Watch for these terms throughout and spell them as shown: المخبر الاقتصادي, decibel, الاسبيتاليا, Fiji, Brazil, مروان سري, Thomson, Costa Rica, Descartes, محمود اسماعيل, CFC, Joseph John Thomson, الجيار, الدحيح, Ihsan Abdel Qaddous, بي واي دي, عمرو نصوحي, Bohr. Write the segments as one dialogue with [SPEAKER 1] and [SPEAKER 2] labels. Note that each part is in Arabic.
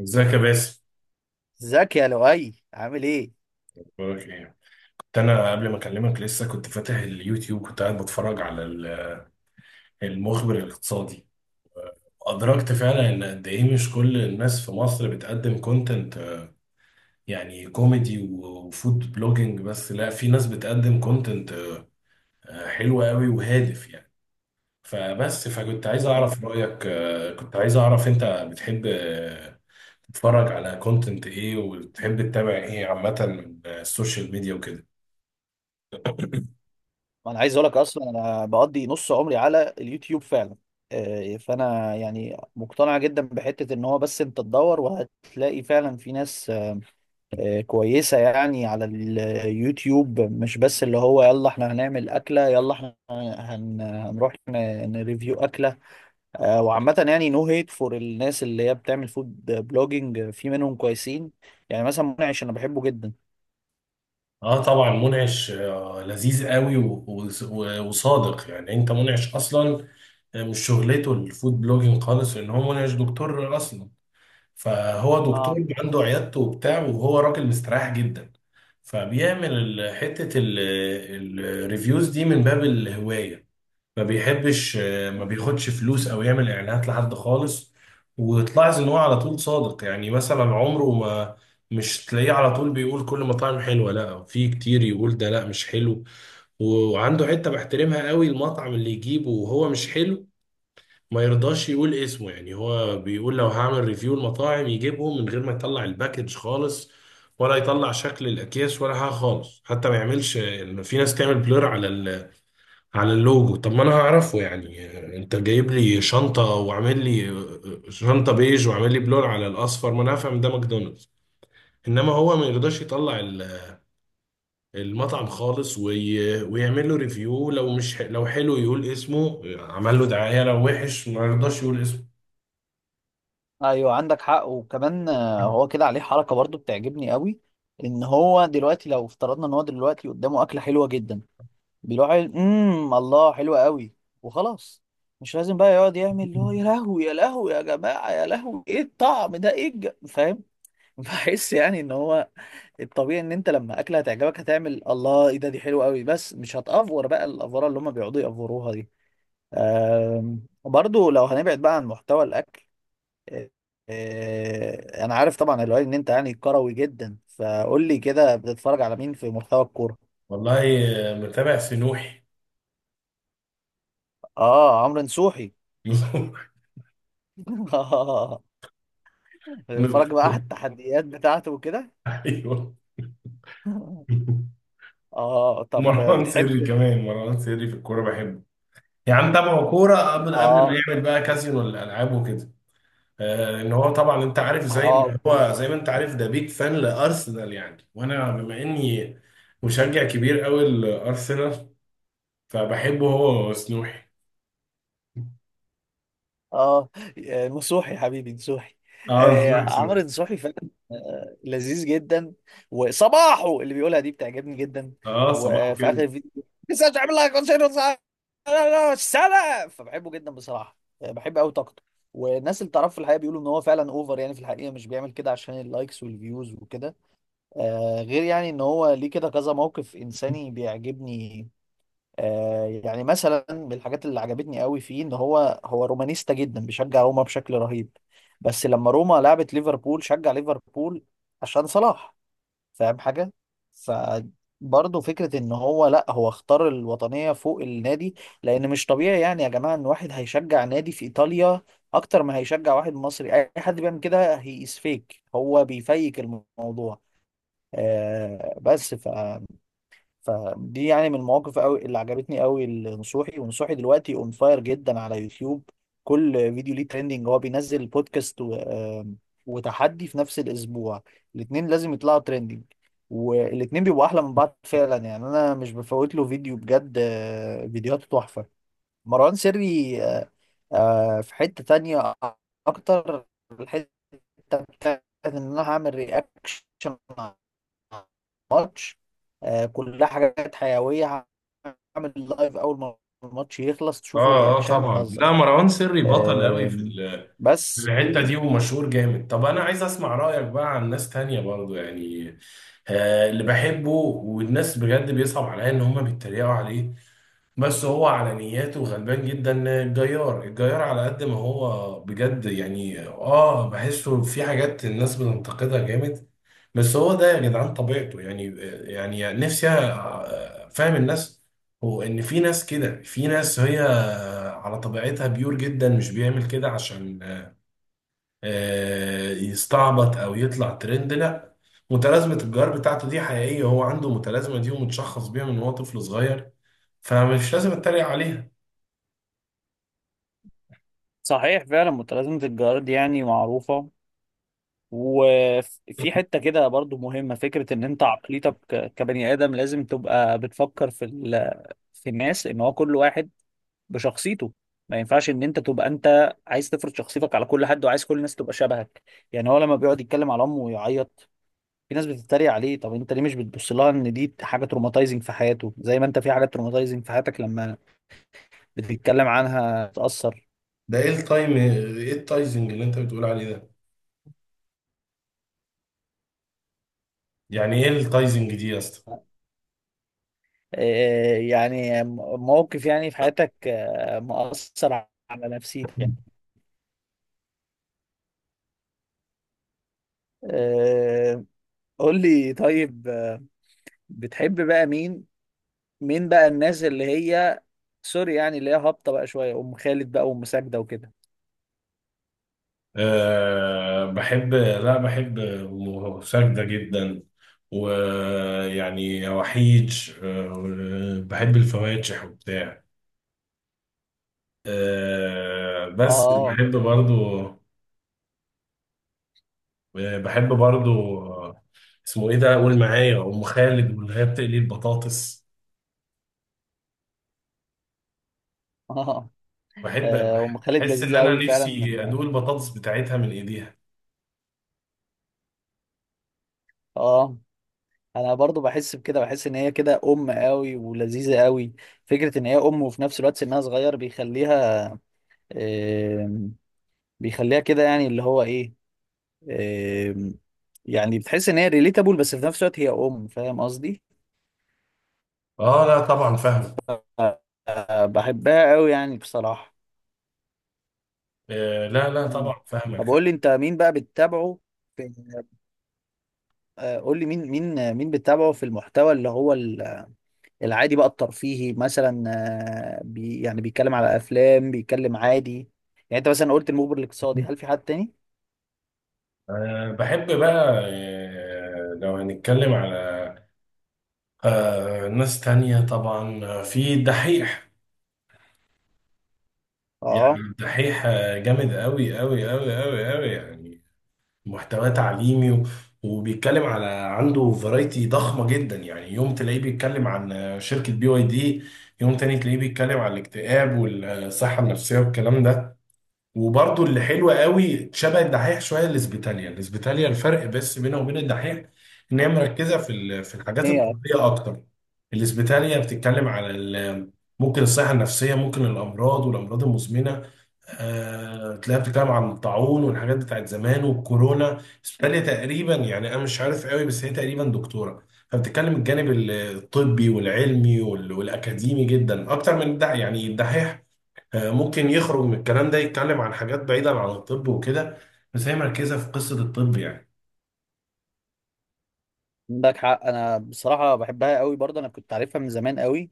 [SPEAKER 1] ازيك يا باسم؟
[SPEAKER 2] ازيك يا لؤي عامل ايه؟
[SPEAKER 1] بقولك ايه. كنت انا قبل ما اكلمك لسه كنت فاتح اليوتيوب، كنت قاعد بتفرج على المخبر الاقتصادي. ادركت فعلا ان قد ايه مش كل الناس في مصر بتقدم كونتنت يعني كوميدي وفود بلوجينج، بس لا، في ناس بتقدم كونتنت حلو قوي وهادف يعني. فبس فكنت عايز
[SPEAKER 2] تمام.
[SPEAKER 1] اعرف رايك، كنت عايز اعرف انت بتحب تتفرج على كونتنت ايه، وبتحب تتابع ايه عامه من السوشيال ميديا وكده.
[SPEAKER 2] انا عايز اقول لك اصلا انا بقضي نص عمري على اليوتيوب فعلا. فانا يعني مقتنع جدا بحته ان هو بس انت تدور وهتلاقي فعلا في ناس كويسه يعني على اليوتيوب، مش بس اللي هو يلا احنا هنعمل اكله يلا احنا هنروح نريفيو اكله. وعامه يعني نو هيت فور الناس اللي هي بتعمل فود بلوجينج، في منهم كويسين. يعني مثلا منعش انا بحبه جدا.
[SPEAKER 1] اه طبعا، منعش لذيذ قوي وصادق يعني. انت منعش اصلا مش شغلته الفود بلوجينج خالص، لان هو منعش دكتور اصلا. فهو دكتور عنده عيادته وبتاع، وهو راجل مستريح جدا، فبيعمل حتة الريفيوز دي من باب الهواية. ما بيحبش، ما بياخدش فلوس او يعمل اعلانات لحد خالص. وتلاحظ ان هو على طول صادق، يعني مثلا عمره ما مش تلاقيه على طول بيقول كل مطاعم حلوه، لا، في كتير يقول ده لا مش حلو. وعنده حته بحترمها قوي، المطعم اللي يجيبه وهو مش حلو ما يرضاش يقول اسمه. يعني هو بيقول لو هعمل ريفيو المطاعم يجيبهم من غير ما يطلع الباكج خالص، ولا يطلع شكل الاكياس ولا حاجه خالص، حتى ما يعملش. في ناس تعمل بلور على على اللوجو، طب ما انا هعرفه يعني. انت جايب لي شنطة وعامل لي شنطة بيج وعامل لي بلون على الاصفر، ما انا هفهم ده ماكدونالدز. انما هو ما يرضاش يطلع المطعم خالص ويعمل له ريفيو. لو مش لو حلو يقول اسمه، عمل له دعاية، لو وحش ما يرضاش يقول اسمه.
[SPEAKER 2] ايوه عندك حق. وكمان هو كده عليه حركه برضو بتعجبني قوي، ان هو دلوقتي لو افترضنا ان هو دلوقتي قدامه اكله حلوه جدا، بيروح قايل، الله حلوه قوي وخلاص. مش لازم بقى يقعد يعمل اللي هو يا لهوي يا لهوي يا جماعه يا لهوي ايه الطعم ده ايه فاهم؟ بحس يعني ان هو الطبيعي ان انت لما اكله هتعجبك هتعمل الله ايه ده دي حلوه قوي، بس مش هتأفور بقى الافوره اللي هم بيقعدوا يأفوروها دي. برضو لو هنبعد بقى عن محتوى الاكل، انا عارف طبعا الوالي ان انت يعني كروي جدا، فقول لي كده بتتفرج على مين في محتوى الكوره؟
[SPEAKER 1] والله، متابع في نوحي.
[SPEAKER 2] اه، عمرو نصوحي. اه، بتتفرج بقى على التحديات بتاعته وكده؟
[SPEAKER 1] ايوه،
[SPEAKER 2] اه، طب
[SPEAKER 1] مروان
[SPEAKER 2] بتحب.
[SPEAKER 1] سري كمان، مروان سري في الكورة بحبه. يا عم تابعه كورة من قبل ما
[SPEAKER 2] اه
[SPEAKER 1] يعمل بقى كازينو الألعاب وكده. ان هو طبعا انت عارف، زي
[SPEAKER 2] اه،
[SPEAKER 1] ما
[SPEAKER 2] اوكي.
[SPEAKER 1] هو، زي ما انت عارف، ده بيك فان لارسنال يعني، وانا بما اني مشجع كبير قوي لارسنال، فبحبه هو وسنوحي.
[SPEAKER 2] اه، نصوحي يا حبيبي نصوحي.
[SPEAKER 1] اه، نصوحي
[SPEAKER 2] آه
[SPEAKER 1] صبحي.
[SPEAKER 2] عمرو نصوحي فعلا. آه لذيذ جدا. وصباحه اللي بيقولها دي بتعجبني جدا،
[SPEAKER 1] اه، صباحه
[SPEAKER 2] وفي اخر
[SPEAKER 1] كده.
[SPEAKER 2] الفيديو. لسه مش عامل لها كونسيرت سنه، فبحبه جدا بصراحه. بحب قوي طاقته. والناس اللي تعرفه في الحقيقه بيقولوا ان هو فعلا اوفر، يعني في الحقيقه مش بيعمل كده عشان اللايكس والفيوز وكده. آه غير يعني ان هو ليه كده كذا موقف انساني بيعجبني. يعني مثلا من الحاجات اللي عجبتني قوي فيه ان هو رومانيستا جدا، بيشجع روما بشكل رهيب، بس لما روما لعبت ليفربول شجع ليفربول عشان صلاح. فاهم حاجة؟ فبرضه فكرة ان هو لا هو اختار الوطنية فوق النادي. لان مش طبيعي يعني يا جماعة ان واحد هيشجع نادي في ايطاليا اكتر ما هيشجع واحد مصري. اي حد بيعمل كده هي از فيك، هو بيفيك الموضوع. آه بس. فدي يعني من المواقف قوي اللي عجبتني قوي لنصوحي. ونصوحي دلوقتي اون فاير جدا على يوتيوب، كل فيديو ليه ترending. هو بينزل بودكاست و وتحدي في نفس الاسبوع، الاتنين لازم يطلعوا ترending، والاتنين بيبقوا احلى من بعض فعلا. يعني انا مش بفوت له فيديو بجد. فيديوهاته تحفة مروان سري. في حتة تانية اكتر، الحتة بتاعت ان انا هعمل رياكشن ماتش. كلها حاجات حيوية. هعمل لايف أول ما الماتش يخلص
[SPEAKER 1] اه
[SPEAKER 2] تشوفوا
[SPEAKER 1] اه
[SPEAKER 2] رياكشن
[SPEAKER 1] طبعا، لا
[SPEAKER 2] يهزر.
[SPEAKER 1] مروان سري بطل قوي في
[SPEAKER 2] آم،
[SPEAKER 1] في
[SPEAKER 2] بس
[SPEAKER 1] الحته دي ومشهور جامد. طب انا عايز اسمع رايك بقى عن ناس تانية برضو يعني. آه اللي بحبه، والناس بجد بيصعب عليا ان هم بيتريقوا عليه، بس هو على نياته غلبان جدا، الجيار، الجيار على قد ما هو بجد يعني. اه بحسه في حاجات الناس بتنتقدها جامد، بس هو ده يا جدعان طبيعته يعني. يعني نفسي فاهم الناس، هو ان في ناس كده، في ناس هي على طبيعتها بيور جدا، مش بيعمل كده عشان يستعبط او يطلع ترند، لا، متلازمه الجار بتاعته دي حقيقيه، هو عنده متلازمه دي ومتشخص بيها من وهو طفل صغير، فمش لازم اتريق عليها.
[SPEAKER 2] صحيح فعلا متلازمة الجارد يعني معروفة. وفي حتة كده برضو مهمة، فكرة ان انت عقليتك كبني ادم لازم تبقى بتفكر في الناس، ان هو كل واحد بشخصيته. ما ينفعش ان انت تبقى انت عايز تفرض شخصيتك على كل حد وعايز كل الناس تبقى شبهك. يعني هو لما بيقعد يتكلم على امه ويعيط، في ناس بتتريق عليه. طب انت ليه مش بتبص لها ان دي حاجه تروماتايزنج في حياته، زي ما انت في حاجات تروماتايزنج في حياتك لما بتتكلم عنها تاثر.
[SPEAKER 1] ده ايه التايم، ايه التايزنج اللي انت بتقول عليه ده؟ يعني ايه التايزنج دي يا اسطى؟
[SPEAKER 2] إيه يعني؟ موقف يعني في حياتك مؤثر على نفسيتك يعني. آه، قول لي طيب، بتحب بقى مين؟ مين بقى الناس اللي هي سوري يعني اللي هي هابطه بقى شويه؟ ام خالد بقى، وام ساجده وكده.
[SPEAKER 1] أه بحب، لا بحب ساجدة جدا، ويعني وحيد. أه بحب الفواتح وبتاع. أه بس
[SPEAKER 2] اه
[SPEAKER 1] بحب برضو، وبحب برضو، اسمه ايه ده؟ قول معايا، ام خالد، واللي هي بتقلي البطاطس.
[SPEAKER 2] اه.
[SPEAKER 1] بحب،
[SPEAKER 2] ام خالد
[SPEAKER 1] بحس ان
[SPEAKER 2] لذيذه
[SPEAKER 1] انا
[SPEAKER 2] قوي فعلا.
[SPEAKER 1] نفسي ادوق البطاطس بتاعتها من ايديها.
[SPEAKER 2] اه، انا برضو بحس بكده، بحس ان هي كده ام قوي ولذيذه قوي. فكره ان هي ام وفي نفس الوقت سنها صغير بيخليها، آم، بيخليها كده يعني اللي هو ايه، آم، يعني بتحس ان هي ريليتابل بس في نفس الوقت هي ام. فاهم قصدي؟
[SPEAKER 1] اه لا طبعا فاهمك.
[SPEAKER 2] آه، بحبها قوي يعني بصراحه.
[SPEAKER 1] آه لا لا
[SPEAKER 2] مم.
[SPEAKER 1] طبعا
[SPEAKER 2] طب قول
[SPEAKER 1] فاهمك.
[SPEAKER 2] لي انت مين بقى بتتابعه في، قول لي مين بتتابعه في المحتوى اللي هو العادي بقى الترفيهي مثلا، بي يعني بيتكلم على افلام بيتكلم عادي. يعني انت مثلا قلت المخبر الاقتصادي، هل في حد تاني؟
[SPEAKER 1] آه بحب بقى، آه لو هنتكلم على آه ناس تانية طبعا، في الدحيح. يعني
[SPEAKER 2] اه
[SPEAKER 1] الدحيح جامد قوي قوي قوي قوي قوي يعني، محتوى تعليمي وبيتكلم على، عنده فرايتي ضخمة جدا، يعني يوم تلاقيه بيتكلم عن شركة بي واي دي، يوم تاني تلاقيه بيتكلم عن الاكتئاب والصحة النفسية والكلام ده. وبرضو اللي حلوة قوي شبه الدحيح شوية الاسبيتاليا، الاسبيتاليا الفرق بس بينها وبين الدحيح ان هي مركزة في في الحاجات
[SPEAKER 2] ايه.
[SPEAKER 1] الطبية اكتر. الاسبيتاليا بتتكلم على ممكن الصحة النفسية، ممكن الامراض والامراض المزمنة، تلاقيها بتتكلم عن الطاعون والحاجات بتاعت زمان والكورونا. الاسبيتاليا تقريبا يعني انا مش عارف قوي، بس هي تقريبا دكتورة، فبتتكلم الجانب الطبي والعلمي والاكاديمي جدا اكتر من الدحيح. يعني الدحيح ممكن يخرج من الكلام ده يتكلم عن حاجات بعيدة عن الطب وكده، بس هي مركزة في قصة الطب يعني.
[SPEAKER 2] عندك حق. انا بصراحه بحبها قوي برضه، انا كنت عارفها من زمان قوي.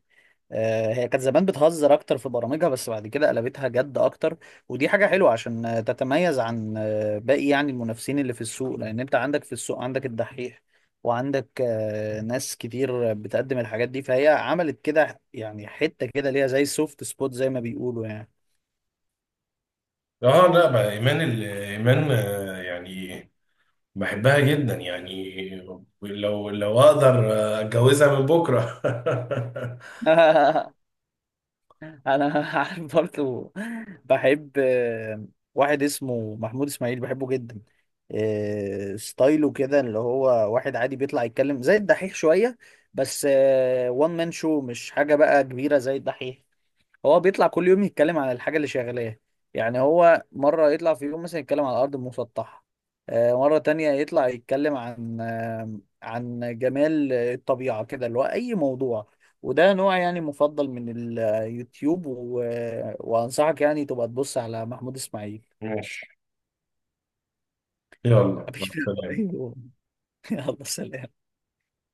[SPEAKER 2] هي كانت زمان بتهزر اكتر في برامجها بس بعد كده قلبتها جد اكتر. ودي حاجة حلوة عشان تتميز عن باقي يعني المنافسين اللي في السوق. لان انت عندك في السوق عندك الدحيح، وعندك ناس كتير بتقدم الحاجات دي، فهي عملت كده يعني حتة كده ليها زي سوفت سبوت زي ما بيقولوا يعني.
[SPEAKER 1] اه لا بقى، ايمان ايمان يعني بحبها جدا يعني، لو لو اقدر اتجوزها من بكرة.
[SPEAKER 2] انا عارف برضه. بحب واحد اسمه محمود اسماعيل، بحبه جدا. ستايله كده اللي هو واحد عادي بيطلع يتكلم زي الدحيح شوية بس، وان مان شو مش حاجة بقى كبيرة زي الدحيح. هو بيطلع كل يوم يتكلم عن الحاجة اللي شغلاه. يعني هو مرة يطلع في يوم مثلا يتكلم عن الأرض المسطحة، مرة تانية يطلع يتكلم عن عن جمال الطبيعة كده اللي هو أي موضوع. وده نوع يعني مفضل من اليوتيوب وأنصحك يعني تبقى تبص على محمود إسماعيل.
[SPEAKER 1] ماشي، يلا مع
[SPEAKER 2] مفيش فيه
[SPEAKER 1] السلامة.
[SPEAKER 2] رأي. يلا سلام.